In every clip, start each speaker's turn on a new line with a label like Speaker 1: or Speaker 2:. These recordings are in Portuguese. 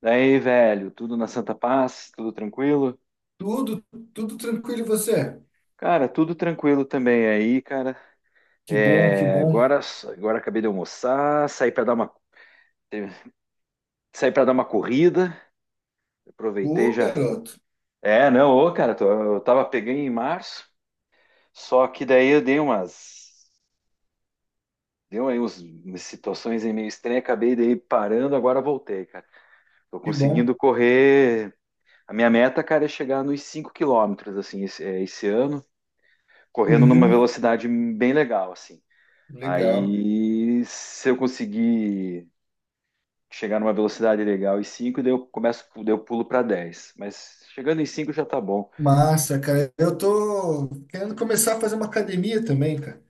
Speaker 1: Daí, velho, tudo na Santa Paz, tudo tranquilo?
Speaker 2: Tudo, tudo tranquilo e você?
Speaker 1: Cara, tudo tranquilo também aí, cara.
Speaker 2: Que bom, que
Speaker 1: É,
Speaker 2: bom.
Speaker 1: agora, agora acabei de almoçar, saí para dar uma corrida, aproveitei
Speaker 2: Pô,
Speaker 1: já.
Speaker 2: garoto,
Speaker 1: É, não, ô, cara, eu tava pegando em março, só que daí eu dei umas, deu aí umas situações aí meio estranhas, acabei daí parando, agora voltei, cara. Tô
Speaker 2: que
Speaker 1: conseguindo
Speaker 2: bom.
Speaker 1: correr. A minha meta, cara, é chegar nos 5 km, assim, esse ano. Correndo numa
Speaker 2: Uhum,
Speaker 1: velocidade bem legal, assim.
Speaker 2: legal.
Speaker 1: Aí, se eu conseguir chegar numa velocidade legal em 5, daí eu pulo para 10. Mas chegando em 5 já tá bom.
Speaker 2: Massa, cara. Eu tô querendo começar a fazer uma academia também, cara,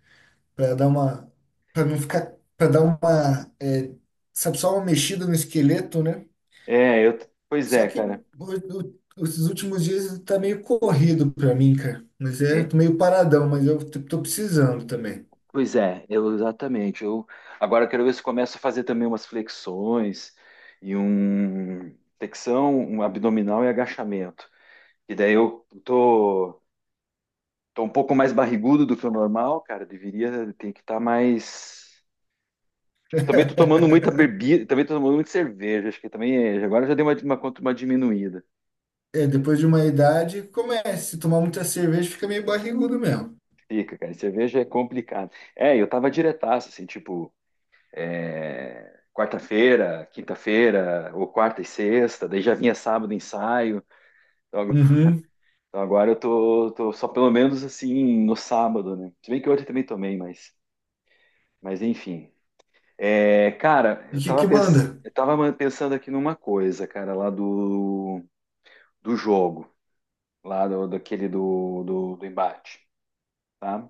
Speaker 2: para dar uma, para não ficar, para dar uma, sabe, só uma mexida no esqueleto, né?
Speaker 1: É, eu, pois
Speaker 2: Só
Speaker 1: é,
Speaker 2: que
Speaker 1: cara.
Speaker 2: os últimos dias tá meio corrido pra mim, cara. Mas é,
Speaker 1: É,
Speaker 2: tô meio paradão, mas eu tô precisando também.
Speaker 1: pois é, exatamente. Eu quero ver se eu começo a fazer também umas flexões e um flexão, um abdominal e agachamento. E daí eu tô, tô um pouco mais barrigudo do que o normal, cara. Deveria, tem que estar mais. Também tô tomando muita bebida, também tô tomando muita cerveja, acho que agora já deu uma diminuída.
Speaker 2: É, depois de uma idade, começa. Se tomar muita cerveja, fica meio barrigudo mesmo.
Speaker 1: Fica, cara, cerveja é complicado. Eu tava diretaço, assim, tipo, quarta-feira, quinta-feira, ou quarta e sexta, daí já vinha sábado ensaio. Então ag-
Speaker 2: Uhum.
Speaker 1: então agora eu tô, tô só pelo menos assim no sábado, né? Se bem que ontem também tomei, mas enfim. É, cara,
Speaker 2: E o que que manda?
Speaker 1: eu tava pensando aqui numa coisa, cara, do jogo. Lá do, daquele do, do, do embate, tá?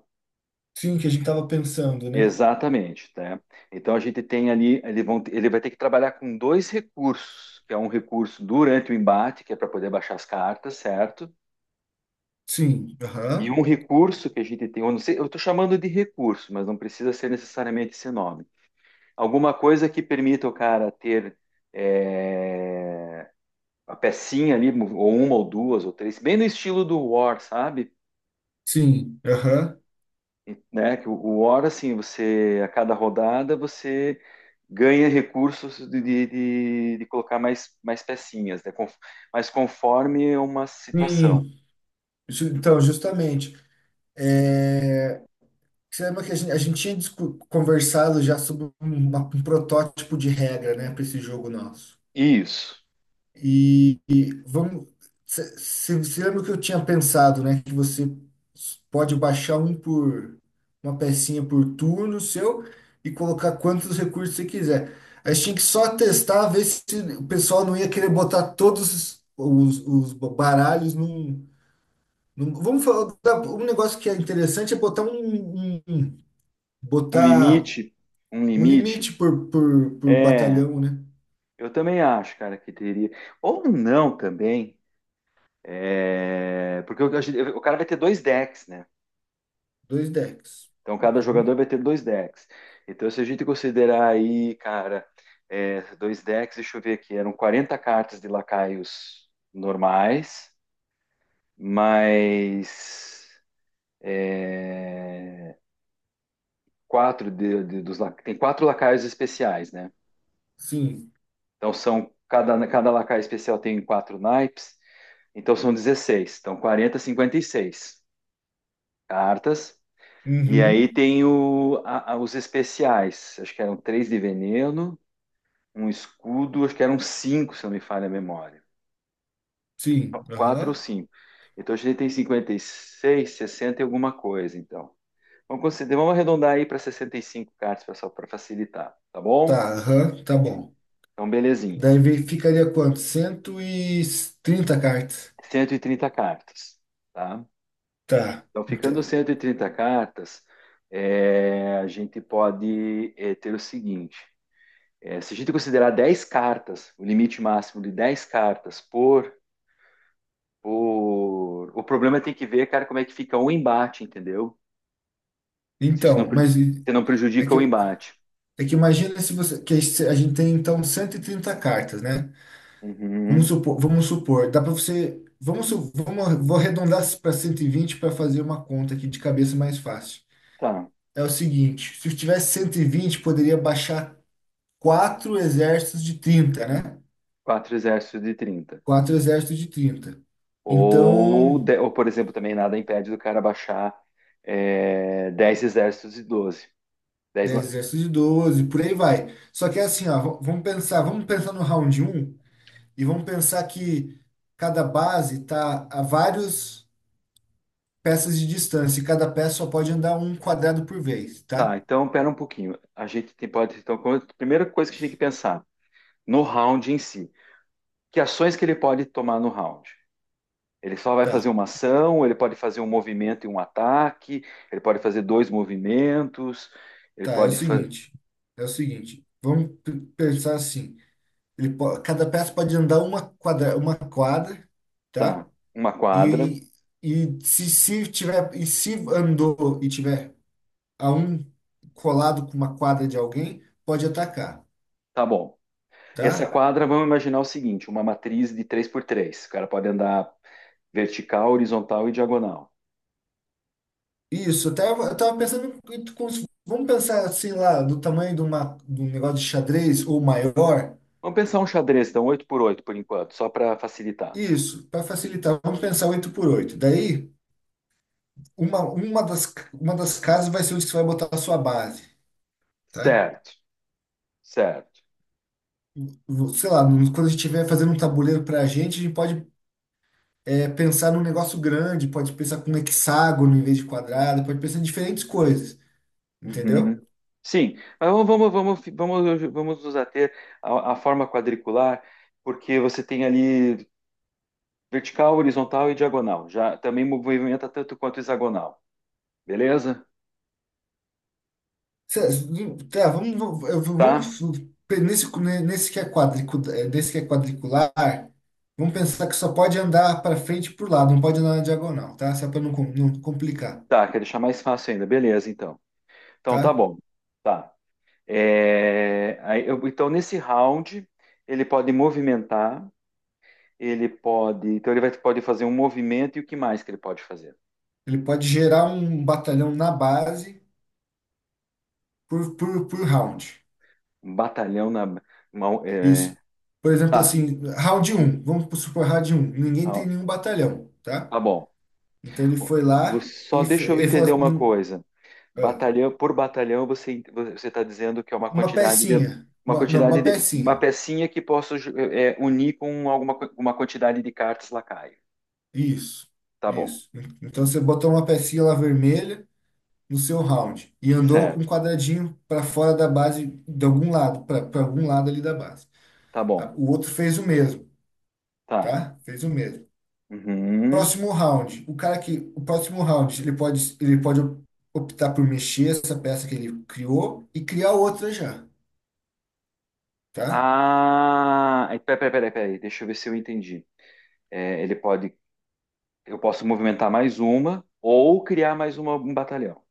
Speaker 2: Sim, que a gente tava pensando, né?
Speaker 1: Exatamente, tá? Então a gente tem ali, ele vai ter que trabalhar com dois recursos, que é um recurso durante o embate, que é para poder baixar as cartas, certo?
Speaker 2: Sim,
Speaker 1: E
Speaker 2: aham.
Speaker 1: um recurso que a gente tem, eu não sei, eu estou chamando de recurso, mas não precisa ser necessariamente esse nome. Alguma coisa que permita o cara ter é, a pecinha ali, ou uma ou duas ou três, bem no estilo do War, sabe?
Speaker 2: Sim, aham.
Speaker 1: E, né, o War, assim, você, a cada rodada, você ganha recursos de colocar mais, mais pecinhas, mas conforme uma situação.
Speaker 2: Sim. Então, justamente. Você lembra que a gente tinha conversado já sobre um protótipo de regra, né, para esse jogo nosso?
Speaker 1: Isso.
Speaker 2: E vamos. Você lembra que eu tinha pensado, né? Que você pode baixar um por uma pecinha por turno seu e colocar quantos recursos você quiser. A gente tinha que só testar, ver se o pessoal não ia querer botar todos os baralhos vamos falar. Um negócio que é interessante é botar um- um,
Speaker 1: Um
Speaker 2: botar
Speaker 1: limite, um
Speaker 2: um
Speaker 1: limite.
Speaker 2: limite por
Speaker 1: É,
Speaker 2: batalhão, né?
Speaker 1: eu também acho, cara, que teria. Ou não também, é, porque o cara vai ter dois decks, né?
Speaker 2: Dois decks.
Speaker 1: Então, cada
Speaker 2: Uhum.
Speaker 1: jogador vai ter dois decks. Então, se a gente considerar aí, cara, é, dois decks, deixa eu ver aqui, eram 40 cartas de lacaios normais, mais é, quatro tem 4 lacaios especiais, né?
Speaker 2: Sim.
Speaker 1: Então, são, cada, cada lacaio especial tem 4 naipes, então são 16. Então, 40, 56 cartas. E aí
Speaker 2: Uhum.
Speaker 1: tem os especiais, acho que eram três de veneno, um escudo, acho que eram cinco, se não me falha a memória.
Speaker 2: Sim,
Speaker 1: Quatro ou
Speaker 2: aham.
Speaker 1: cinco. Então a gente tem 56, 60 e alguma coisa, então. Considerar, vamos arredondar aí para 65 cartas, pessoal, para facilitar, tá bom?
Speaker 2: Tá, aham, tá bom.
Speaker 1: Então, belezinha.
Speaker 2: Daí ficaria quanto? 130 cartas.
Speaker 1: 130 cartas, tá?
Speaker 2: Tá.
Speaker 1: Então, ficando 130 cartas, é, a gente pode é, ter o seguinte: é, se a gente considerar 10 cartas, o limite máximo de 10 cartas por. O problema é tem que ver, cara, como é que fica o embate, entendeu? Se isso não, pre-
Speaker 2: Mas
Speaker 1: se não
Speaker 2: é
Speaker 1: prejudica
Speaker 2: que,
Speaker 1: o embate.
Speaker 2: é que imagina se você. Que a gente tem então 130 cartas, né?
Speaker 1: Uhum,
Speaker 2: Vamos supor, dá para você. Vou arredondar para 120 para fazer uma conta aqui de cabeça mais fácil.
Speaker 1: tá.
Speaker 2: É o seguinte, se eu tivesse 120 poderia baixar quatro exércitos de 30, né?
Speaker 1: Quatro exércitos de 30.
Speaker 2: Quatro exércitos de trinta. Então,
Speaker 1: Ou, por exemplo, também nada impede do cara baixar é, 10 exércitos de 12, 10
Speaker 2: 10,
Speaker 1: lan-
Speaker 2: exércitos de 12, por aí vai. Só que é assim, ó, vamos pensar no round um e vamos pensar que cada base tá a vários peças de distância e cada peça só pode andar um quadrado por vez,
Speaker 1: tá,
Speaker 2: tá?
Speaker 1: então pera um pouquinho. A gente tem- pode. Então, primeira coisa que a gente tem que pensar no round em si. Que ações que ele pode tomar no round? Ele só vai fazer
Speaker 2: Tá,
Speaker 1: uma ação, ele pode fazer um movimento e um ataque, ele pode fazer dois movimentos, ele
Speaker 2: tá, é o
Speaker 1: pode fazer.
Speaker 2: seguinte, vamos pensar assim, cada peça pode andar uma quadra,
Speaker 1: Tá,
Speaker 2: tá?
Speaker 1: uma quadra.
Speaker 2: E, e se tiver, e se andou e tiver a um colado com uma quadra de alguém pode atacar,
Speaker 1: Tá bom. Essa
Speaker 2: tá?
Speaker 1: quadra, vamos imaginar o seguinte: uma matriz de três por três. O cara pode andar vertical, horizontal e diagonal.
Speaker 2: Isso, até eu estava pensando, em como vamos pensar assim lá, do tamanho de um negócio de xadrez ou maior.
Speaker 1: Vamos pensar um xadrez, então, oito por oito por enquanto, só para facilitar.
Speaker 2: Isso, para facilitar, vamos pensar 8 por 8. Daí, uma das casas vai ser onde você vai botar a sua base, tá?
Speaker 1: Certo, certo.
Speaker 2: Sei lá, quando a gente estiver fazendo um tabuleiro para a gente pode pensar num negócio grande, pode pensar com hexágono em vez de quadrado, pode pensar em diferentes coisas,
Speaker 1: Uhum.
Speaker 2: entendeu?
Speaker 1: Sim, mas vamos nos ater à, à forma quadricular, porque você tem ali vertical, horizontal e diagonal. Já também movimenta tanto quanto hexagonal. Beleza?
Speaker 2: Cê- Tá, eu vamos
Speaker 1: Tá?
Speaker 2: nesse, nesse que é quadricu, desse que é quadricular, vamos pensar que só pode andar para frente e para lado, não pode andar na diagonal, tá? Só para não complicar,
Speaker 1: Tá, quer deixar mais fácil ainda. Beleza, então. Então tá
Speaker 2: tá?
Speaker 1: bom. Tá. É, então, nesse round, ele pode movimentar, ele pode. Então, pode fazer um movimento e o que mais que ele pode fazer?
Speaker 2: Ele pode gerar um batalhão na base por round.
Speaker 1: Um batalhão na mão. É,
Speaker 2: Isso. Por exemplo,
Speaker 1: tá.
Speaker 2: assim, round um vamos supor round um ninguém tem
Speaker 1: Tá
Speaker 2: nenhum batalhão, tá?
Speaker 1: tá bom.
Speaker 2: Então ele foi lá
Speaker 1: Você, só
Speaker 2: e
Speaker 1: deixa eu
Speaker 2: ele falou
Speaker 1: entender
Speaker 2: assim,
Speaker 1: uma coisa.
Speaker 2: Ah,
Speaker 1: Batalhão por batalhão, você está dizendo que é uma
Speaker 2: uma
Speaker 1: quantidade de
Speaker 2: pecinha, não, uma
Speaker 1: uma
Speaker 2: pecinha.
Speaker 1: pecinha que unir com uma quantidade de cartas lacaio.
Speaker 2: Isso,
Speaker 1: Tá bom,
Speaker 2: isso. Então você botou uma pecinha lá vermelha no seu round e andou um
Speaker 1: certo?
Speaker 2: quadradinho para fora da base para algum lado ali da base.
Speaker 1: Tá bom,
Speaker 2: O outro fez o mesmo,
Speaker 1: tá.
Speaker 2: tá? Fez o mesmo.
Speaker 1: Uhum.
Speaker 2: Próximo round, o cara que o próximo round ele pode optar por mexer essa peça que ele criou e criar outra já, tá?
Speaker 1: Ah, é, peraí, deixa eu ver se eu entendi. É, ele pode, eu posso movimentar mais uma ou criar mais uma, um batalhão.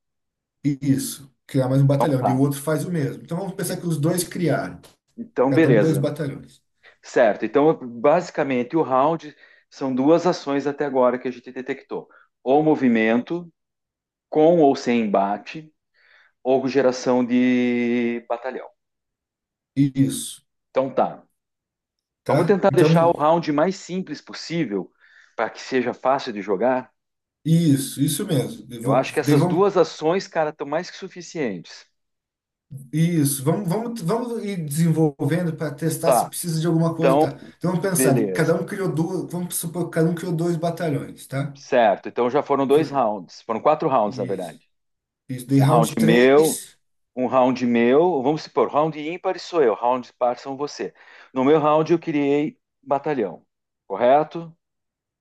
Speaker 2: E isso, criar mais um batalhão. E o
Speaker 1: Tá.
Speaker 2: outro faz o mesmo. Então vamos pensar que os dois criaram,
Speaker 1: Então,
Speaker 2: cada um dois
Speaker 1: beleza.
Speaker 2: batalhões.
Speaker 1: Certo, então basicamente o round são duas ações até agora que a gente detectou: ou movimento, com ou sem embate, ou geração de batalhão.
Speaker 2: Isso,
Speaker 1: Então tá, vamos
Speaker 2: tá?
Speaker 1: tentar
Speaker 2: Então
Speaker 1: deixar o round mais simples possível para que seja fácil de jogar.
Speaker 2: isso mesmo. E
Speaker 1: Eu
Speaker 2: vo-
Speaker 1: acho que
Speaker 2: de-
Speaker 1: essas
Speaker 2: Vamos,
Speaker 1: duas ações, cara, estão mais que suficientes.
Speaker 2: isso, vamos, vamos, vamos ir desenvolvendo para testar se
Speaker 1: Tá,
Speaker 2: precisa de alguma coisa, tá? Então vamos pensar, cada
Speaker 1: beleza.
Speaker 2: um criou duas, vamos supor que cada um criou dois batalhões, tá?
Speaker 1: Certo, então já foram dois
Speaker 2: Fa-
Speaker 1: rounds, foram quatro rounds na
Speaker 2: Isso,
Speaker 1: verdade.
Speaker 2: isso, daí
Speaker 1: Um round
Speaker 2: round
Speaker 1: meu,
Speaker 2: três
Speaker 1: Um round meu, vamos supor, round ímpar sou eu, round par são você. No meu round eu criei batalhão, correto?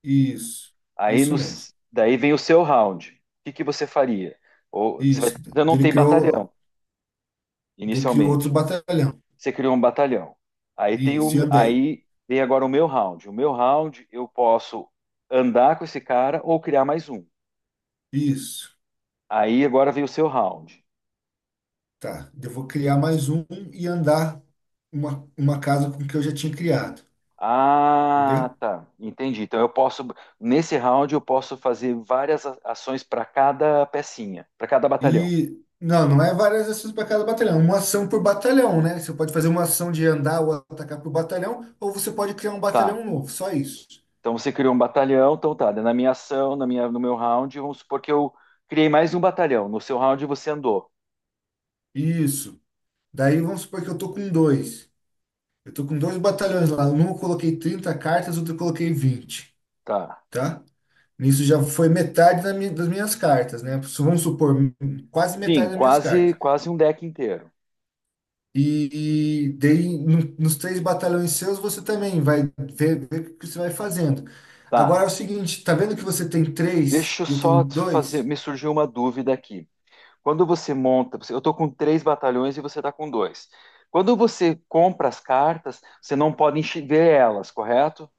Speaker 2: isso, isso mesmo.
Speaker 1: Daí vem o seu round. O que que você faria?
Speaker 2: Isso,
Speaker 1: Você não tem batalhão
Speaker 2: daí criou outro
Speaker 1: inicialmente.
Speaker 2: batalhão.
Speaker 1: Você criou um batalhão.
Speaker 2: Isso, e andei.
Speaker 1: Aí vem agora o meu round. O meu round eu posso andar com esse cara ou criar mais um.
Speaker 2: Isso,
Speaker 1: Aí agora vem o seu round.
Speaker 2: tá. Eu vou criar mais um e andar uma casa com o que eu já tinha criado,
Speaker 1: Ah,
Speaker 2: entendeu?
Speaker 1: tá. Entendi. Então eu posso, nesse round, eu posso fazer várias ações para cada pecinha, para cada batalhão.
Speaker 2: E não, não é várias ações para cada batalhão, é uma ação por batalhão, né? Você pode fazer uma ação de andar ou atacar por batalhão, ou você pode criar um
Speaker 1: Tá.
Speaker 2: batalhão novo, só isso.
Speaker 1: Então você criou um batalhão, então tá. Na minha ação, na minha, no meu round, vamos supor que eu criei mais um batalhão. No seu round você andou.
Speaker 2: Isso. Daí vamos supor que eu tô com dois. Eu tô com dois batalhões lá. Um eu coloquei 30 cartas, outro eu coloquei 20,
Speaker 1: Tá.
Speaker 2: tá? Nisso já foi metade da das minhas cartas, né? Vamos supor, quase
Speaker 1: Sim,
Speaker 2: metade das minhas
Speaker 1: quase,
Speaker 2: cartas.
Speaker 1: quase um deck inteiro.
Speaker 2: E daí, nos três batalhões seus, você também vai ver o que você vai fazendo. Agora
Speaker 1: Tá.
Speaker 2: é o seguinte, tá vendo que você tem três
Speaker 1: Deixa eu
Speaker 2: e eu tenho
Speaker 1: só te fazer,
Speaker 2: dois?
Speaker 1: me surgiu uma dúvida aqui. Quando você monta, eu estou com três batalhões e você está com dois. Quando você compra as cartas, você não pode ver elas, correto?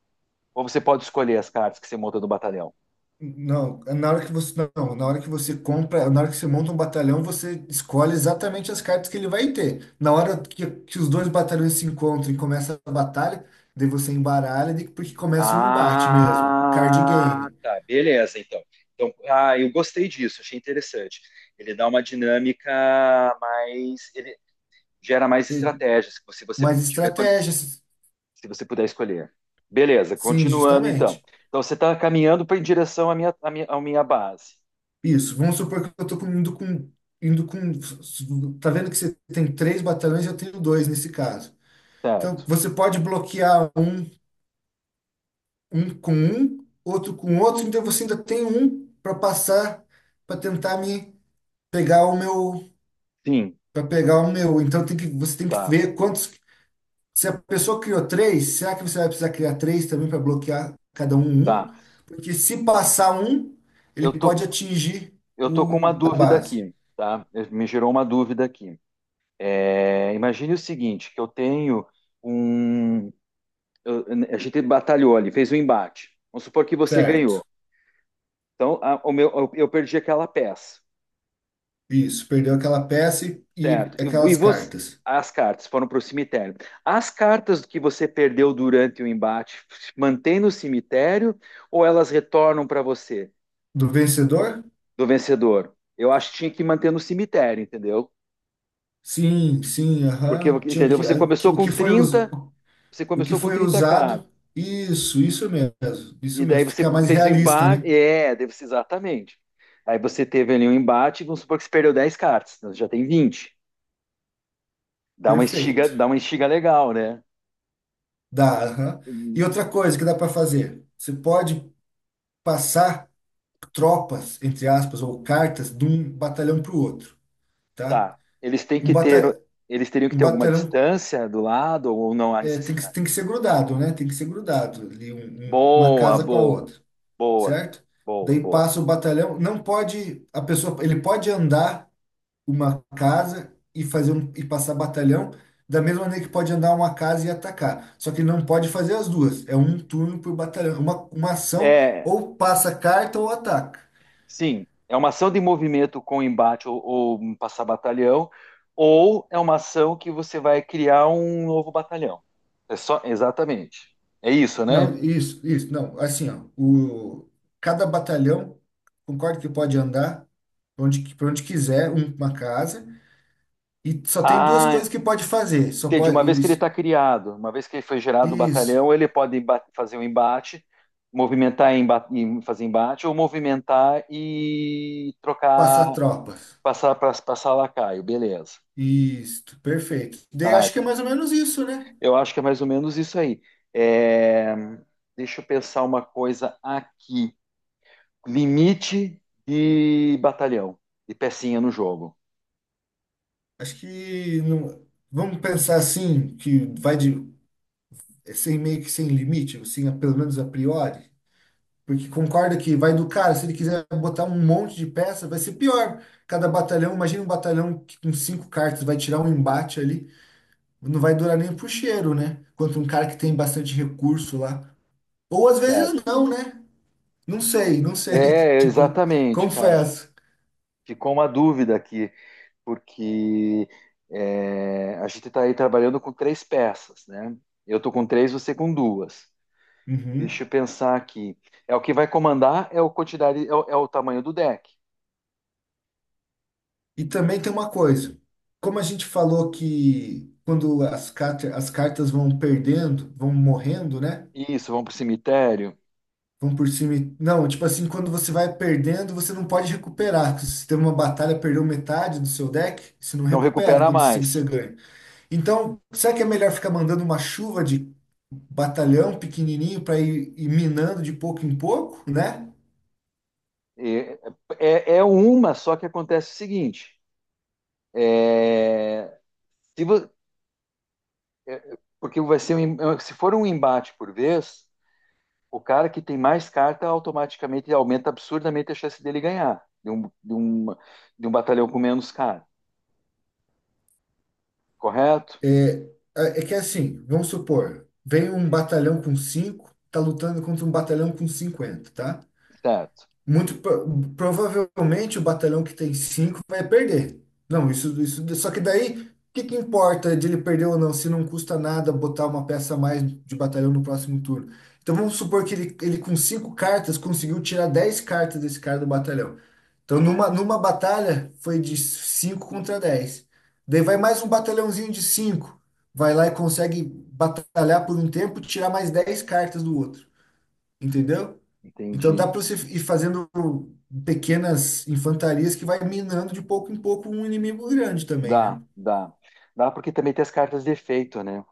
Speaker 1: Ou você pode escolher as cartas que você monta do batalhão?
Speaker 2: Não, na hora que você não, na hora que você compra, na hora que você monta um batalhão, você escolhe exatamente as cartas que ele vai ter. Na hora que os dois batalhões se encontram e começa a batalha, daí você embaralha, porque começa o embate mesmo, card
Speaker 1: Ah,
Speaker 2: game.
Speaker 1: tá, beleza, então. Então, ah, eu gostei disso, achei interessante. Ele dá uma dinâmica mais, ele gera mais
Speaker 2: E-
Speaker 1: estratégias, se você
Speaker 2: Mas
Speaker 1: tiver,
Speaker 2: estratégias,
Speaker 1: se você puder escolher. Beleza,
Speaker 2: sim,
Speaker 1: continuando então.
Speaker 2: justamente.
Speaker 1: Então você está caminhando em direção à minha base,
Speaker 2: Isso, vamos supor que eu estou indo com. Tá vendo que você tem três batalhões, eu tenho dois nesse caso. Então
Speaker 1: certo?
Speaker 2: você pode bloquear um, um com um, outro com outro, então você ainda tem um para passar para tentar me pegar o meu,
Speaker 1: Sim.
Speaker 2: para pegar o meu. Então você tem que
Speaker 1: Tá,
Speaker 2: ver quantos. Se a pessoa criou três, será que você vai precisar criar três também para bloquear cada um um?
Speaker 1: tá.
Speaker 2: Porque se passar um, ele
Speaker 1: Eu tô,
Speaker 2: pode atingir
Speaker 1: eu tô com uma
Speaker 2: a
Speaker 1: dúvida
Speaker 2: base.
Speaker 1: aqui, tá? Me gerou uma dúvida aqui. É, imagine o seguinte, que eu tenho um... eu- a gente batalhou ali, fez um embate. Vamos supor que você
Speaker 2: Certo.
Speaker 1: ganhou. Então, eu perdi aquela peça,
Speaker 2: Isso, perdeu aquela peça e
Speaker 1: certo? E
Speaker 2: aquelas
Speaker 1: você,
Speaker 2: cartas.
Speaker 1: as cartas foram para o cemitério. As cartas que você perdeu durante o embate, mantém no cemitério ou elas retornam para você,
Speaker 2: Do vencedor?
Speaker 1: do vencedor? Eu acho que tinha que manter no cemitério, entendeu?
Speaker 2: Sim, sim,
Speaker 1: Porque,
Speaker 2: aham. Tinha
Speaker 1: entendeu?
Speaker 2: que,
Speaker 1: Você
Speaker 2: o que
Speaker 1: começou com
Speaker 2: foi
Speaker 1: 30K
Speaker 2: usado? Isso mesmo. Isso
Speaker 1: e daí
Speaker 2: mesmo.
Speaker 1: você
Speaker 2: Fica mais
Speaker 1: fez o
Speaker 2: realista,
Speaker 1: embate,
Speaker 2: né?
Speaker 1: é, deve ser exatamente. Aí você teve ali um embate, vamos supor que você perdeu 10 cartas, então você já tem 20.
Speaker 2: Perfeito.
Speaker 1: Dá uma estiga legal, né?
Speaker 2: Dá, aham.
Speaker 1: E,
Speaker 2: E outra coisa que dá para fazer, você pode passar tropas, entre aspas, ou cartas de um batalhão para o outro, tá?
Speaker 1: tá. Eles têm
Speaker 2: Um
Speaker 1: que ter,
Speaker 2: bata
Speaker 1: eles teriam que
Speaker 2: um
Speaker 1: ter alguma
Speaker 2: batalhão
Speaker 1: distância do lado ou não há
Speaker 2: tem que,
Speaker 1: necessidade.
Speaker 2: tem que ser grudado, né? Tem que ser grudado ali, uma
Speaker 1: Boa,
Speaker 2: casa com a
Speaker 1: boa,
Speaker 2: outra.
Speaker 1: boa,
Speaker 2: Certo?
Speaker 1: boa,
Speaker 2: Daí
Speaker 1: boa.
Speaker 2: passa o batalhão, não pode, a pessoa, ele pode andar uma casa e e passar batalhão, da mesma maneira que pode andar uma casa e atacar. Só que ele não pode fazer as duas, é um turno por batalhão, uma ação
Speaker 1: É,
Speaker 2: ou passa carta ou ataca.
Speaker 1: sim, é uma ação de movimento com embate ou um passar batalhão, ou é uma ação que você vai criar um novo batalhão. É só, exatamente. É isso,
Speaker 2: Não,
Speaker 1: né?
Speaker 2: isso, não, assim, ó, o cada batalhão concordo que pode andar pra onde quiser, uma casa e só tem duas coisas
Speaker 1: Ah,
Speaker 2: que pode fazer, só
Speaker 1: entendi.
Speaker 2: pode
Speaker 1: Uma vez que ele
Speaker 2: isso,
Speaker 1: está criado, uma vez que ele foi gerado o
Speaker 2: isso,
Speaker 1: batalhão, ele pode fazer um embate, movimentar e fazer embate, ou movimentar e trocar,
Speaker 2: passar tropas.
Speaker 1: passar lacaio, beleza.
Speaker 2: Isto, perfeito. Daí
Speaker 1: Tá,
Speaker 2: acho que é mais ou menos isso, né?
Speaker 1: eu acho que é mais ou menos isso aí. É, deixa eu pensar uma coisa aqui. Limite de batalhão, de pecinha no jogo.
Speaker 2: Acho que vamos pensar assim, que vai de é sem meio que sem limite, assim, pelo menos a priori, porque concorda que vai do cara, se ele quiser botar um monte de peça, vai ser pior. Cada batalhão, imagina um batalhão que com cinco cartas vai tirar um embate ali, não vai durar nem pro cheiro, né? Quanto um cara que tem bastante recurso lá. Ou às vezes
Speaker 1: Certo.
Speaker 2: não, né? Não sei, não sei,
Speaker 1: É,
Speaker 2: tipo,
Speaker 1: exatamente, cara.
Speaker 2: confesso.
Speaker 1: Ficou uma dúvida aqui, porque é, a gente está aí trabalhando com três peças, né? Eu tô com três, você com duas. Deixa
Speaker 2: Uhum.
Speaker 1: eu pensar aqui. É o que vai comandar é o quantidade, é é o tamanho do deck.
Speaker 2: E também tem uma coisa, como a gente falou que quando as cartas vão perdendo, vão morrendo, né?
Speaker 1: Isso, vamos pro cemitério.
Speaker 2: Vão por cima. Não, tipo assim, quando você vai perdendo, você não pode recuperar. Se você teve uma batalha, perdeu metade do seu deck, você não
Speaker 1: Não
Speaker 2: recupera
Speaker 1: recupera
Speaker 2: quando se você
Speaker 1: mais.
Speaker 2: ganha. Então, será que é melhor ficar mandando uma chuva de batalhão pequenininho para ir minando de pouco em pouco, né?
Speaker 1: É, é uma, só que acontece o seguinte: é, se vo- é, porque vai ser um se for um embate por vez, o cara que tem mais carta automaticamente aumenta absurdamente a chance dele ganhar de um batalhão com menos cara, correto?
Speaker 2: É que é assim, vamos supor, vem um batalhão com 5 tá lutando contra um batalhão com 50, tá?
Speaker 1: Certo,
Speaker 2: Muito provavelmente o batalhão que tem cinco vai perder. Não, isso, isso. Só que daí, o que que importa de ele perder ou não, se não custa nada botar uma peça a mais de batalhão no próximo turno? Então vamos supor que ele, com cinco cartas conseguiu tirar 10 cartas desse cara do batalhão. Então numa batalha foi de cinco contra 10. Daí vai mais um batalhãozinho de cinco. Vai lá e consegue batalhar por um tempo, e tirar mais 10 cartas do outro, entendeu? Então
Speaker 1: entendi.
Speaker 2: dá para você ir fazendo pequenas infantarias que vai minando de pouco em pouco um inimigo grande também,
Speaker 1: Dá,
Speaker 2: né?
Speaker 1: dá. Dá porque também tem as cartas de efeito, né?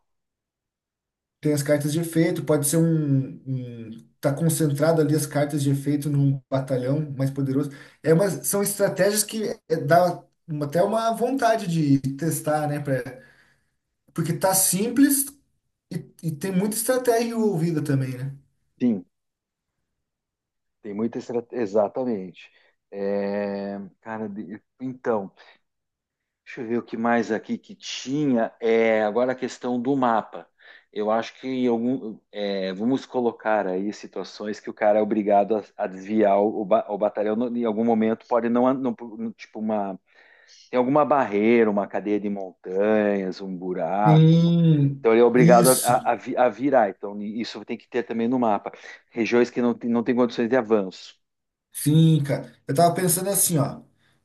Speaker 2: Tem as cartas de efeito, pode ser tá concentrado ali as cartas de efeito num batalhão mais poderoso. São estratégias que dá até uma vontade de testar, né? Porque tá simples e, e tem muita estratégia envolvida também, né?
Speaker 1: Sim, tem muita estratégia. Exatamente. Então. Deixa eu ver o que mais aqui que tinha. É, agora a questão do mapa. Eu acho que em algum, é, vamos colocar aí situações que o cara é obrigado a desviar o batalhão em algum momento. Pode não, não- tipo uma, tem alguma barreira, uma cadeia de montanhas, um buraco,
Speaker 2: Sim,
Speaker 1: então ele é obrigado a,
Speaker 2: isso.
Speaker 1: a virar. Então isso tem que ter também no mapa. Regiões que não, não tem condições de avanço.
Speaker 2: Sim, cara. Eu tava pensando assim, ó,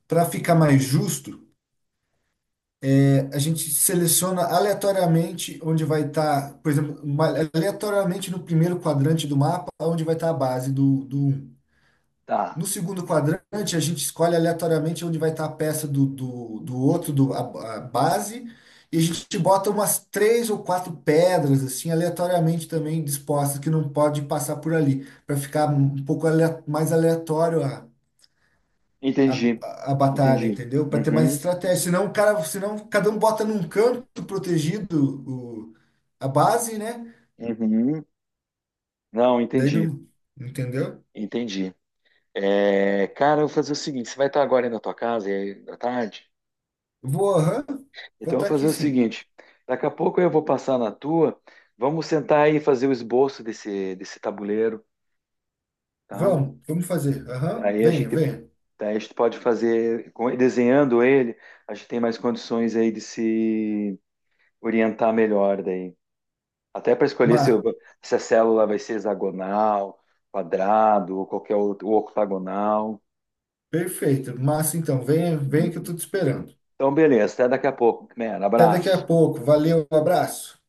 Speaker 2: para ficar mais justo, a gente seleciona aleatoriamente onde vai estar, por exemplo, aleatoriamente no primeiro quadrante do mapa, onde vai estar a base do 1.
Speaker 1: Tá,
Speaker 2: No segundo quadrante, a gente escolhe aleatoriamente onde vai estar a peça do outro, a base, e a gente bota umas três ou quatro pedras, assim, aleatoriamente também dispostas, que não pode passar por ali, para ficar um pouco mais aleatório a a,
Speaker 1: entendi,
Speaker 2: a batalha,
Speaker 1: entendi.
Speaker 2: entendeu? Para ter mais
Speaker 1: Uhum,
Speaker 2: estratégia. Senão cada um bota num canto protegido a base, né?
Speaker 1: uhum. Não,
Speaker 2: Daí
Speaker 1: entendi.
Speaker 2: não, entendeu?
Speaker 1: Entendi. É, cara, eu vou fazer o seguinte: você vai estar agora aí na tua casa, aí à tarde?
Speaker 2: Vou, aham, vou
Speaker 1: Então eu vou
Speaker 2: estar
Speaker 1: fazer
Speaker 2: aqui
Speaker 1: o
Speaker 2: sim.
Speaker 1: seguinte: daqui a pouco eu vou passar na tua, vamos sentar aí e fazer o esboço desse tabuleiro, tá?
Speaker 2: Vamos fazer. Aham,
Speaker 1: Aí a
Speaker 2: venha,
Speaker 1: gente,
Speaker 2: venha.
Speaker 1: aí a gente pode fazer, desenhando ele, a gente tem mais condições aí de se orientar melhor daí. Até para escolher
Speaker 2: Má,
Speaker 1: se a célula vai ser hexagonal, quadrado ou qualquer outro, ou octagonal.
Speaker 2: Perfeito. Massa, então, venha, venha que eu tô te esperando.
Speaker 1: Então, beleza, até daqui a pouco, man.
Speaker 2: Até daqui a
Speaker 1: Abraço.
Speaker 2: pouco. Valeu, um abraço.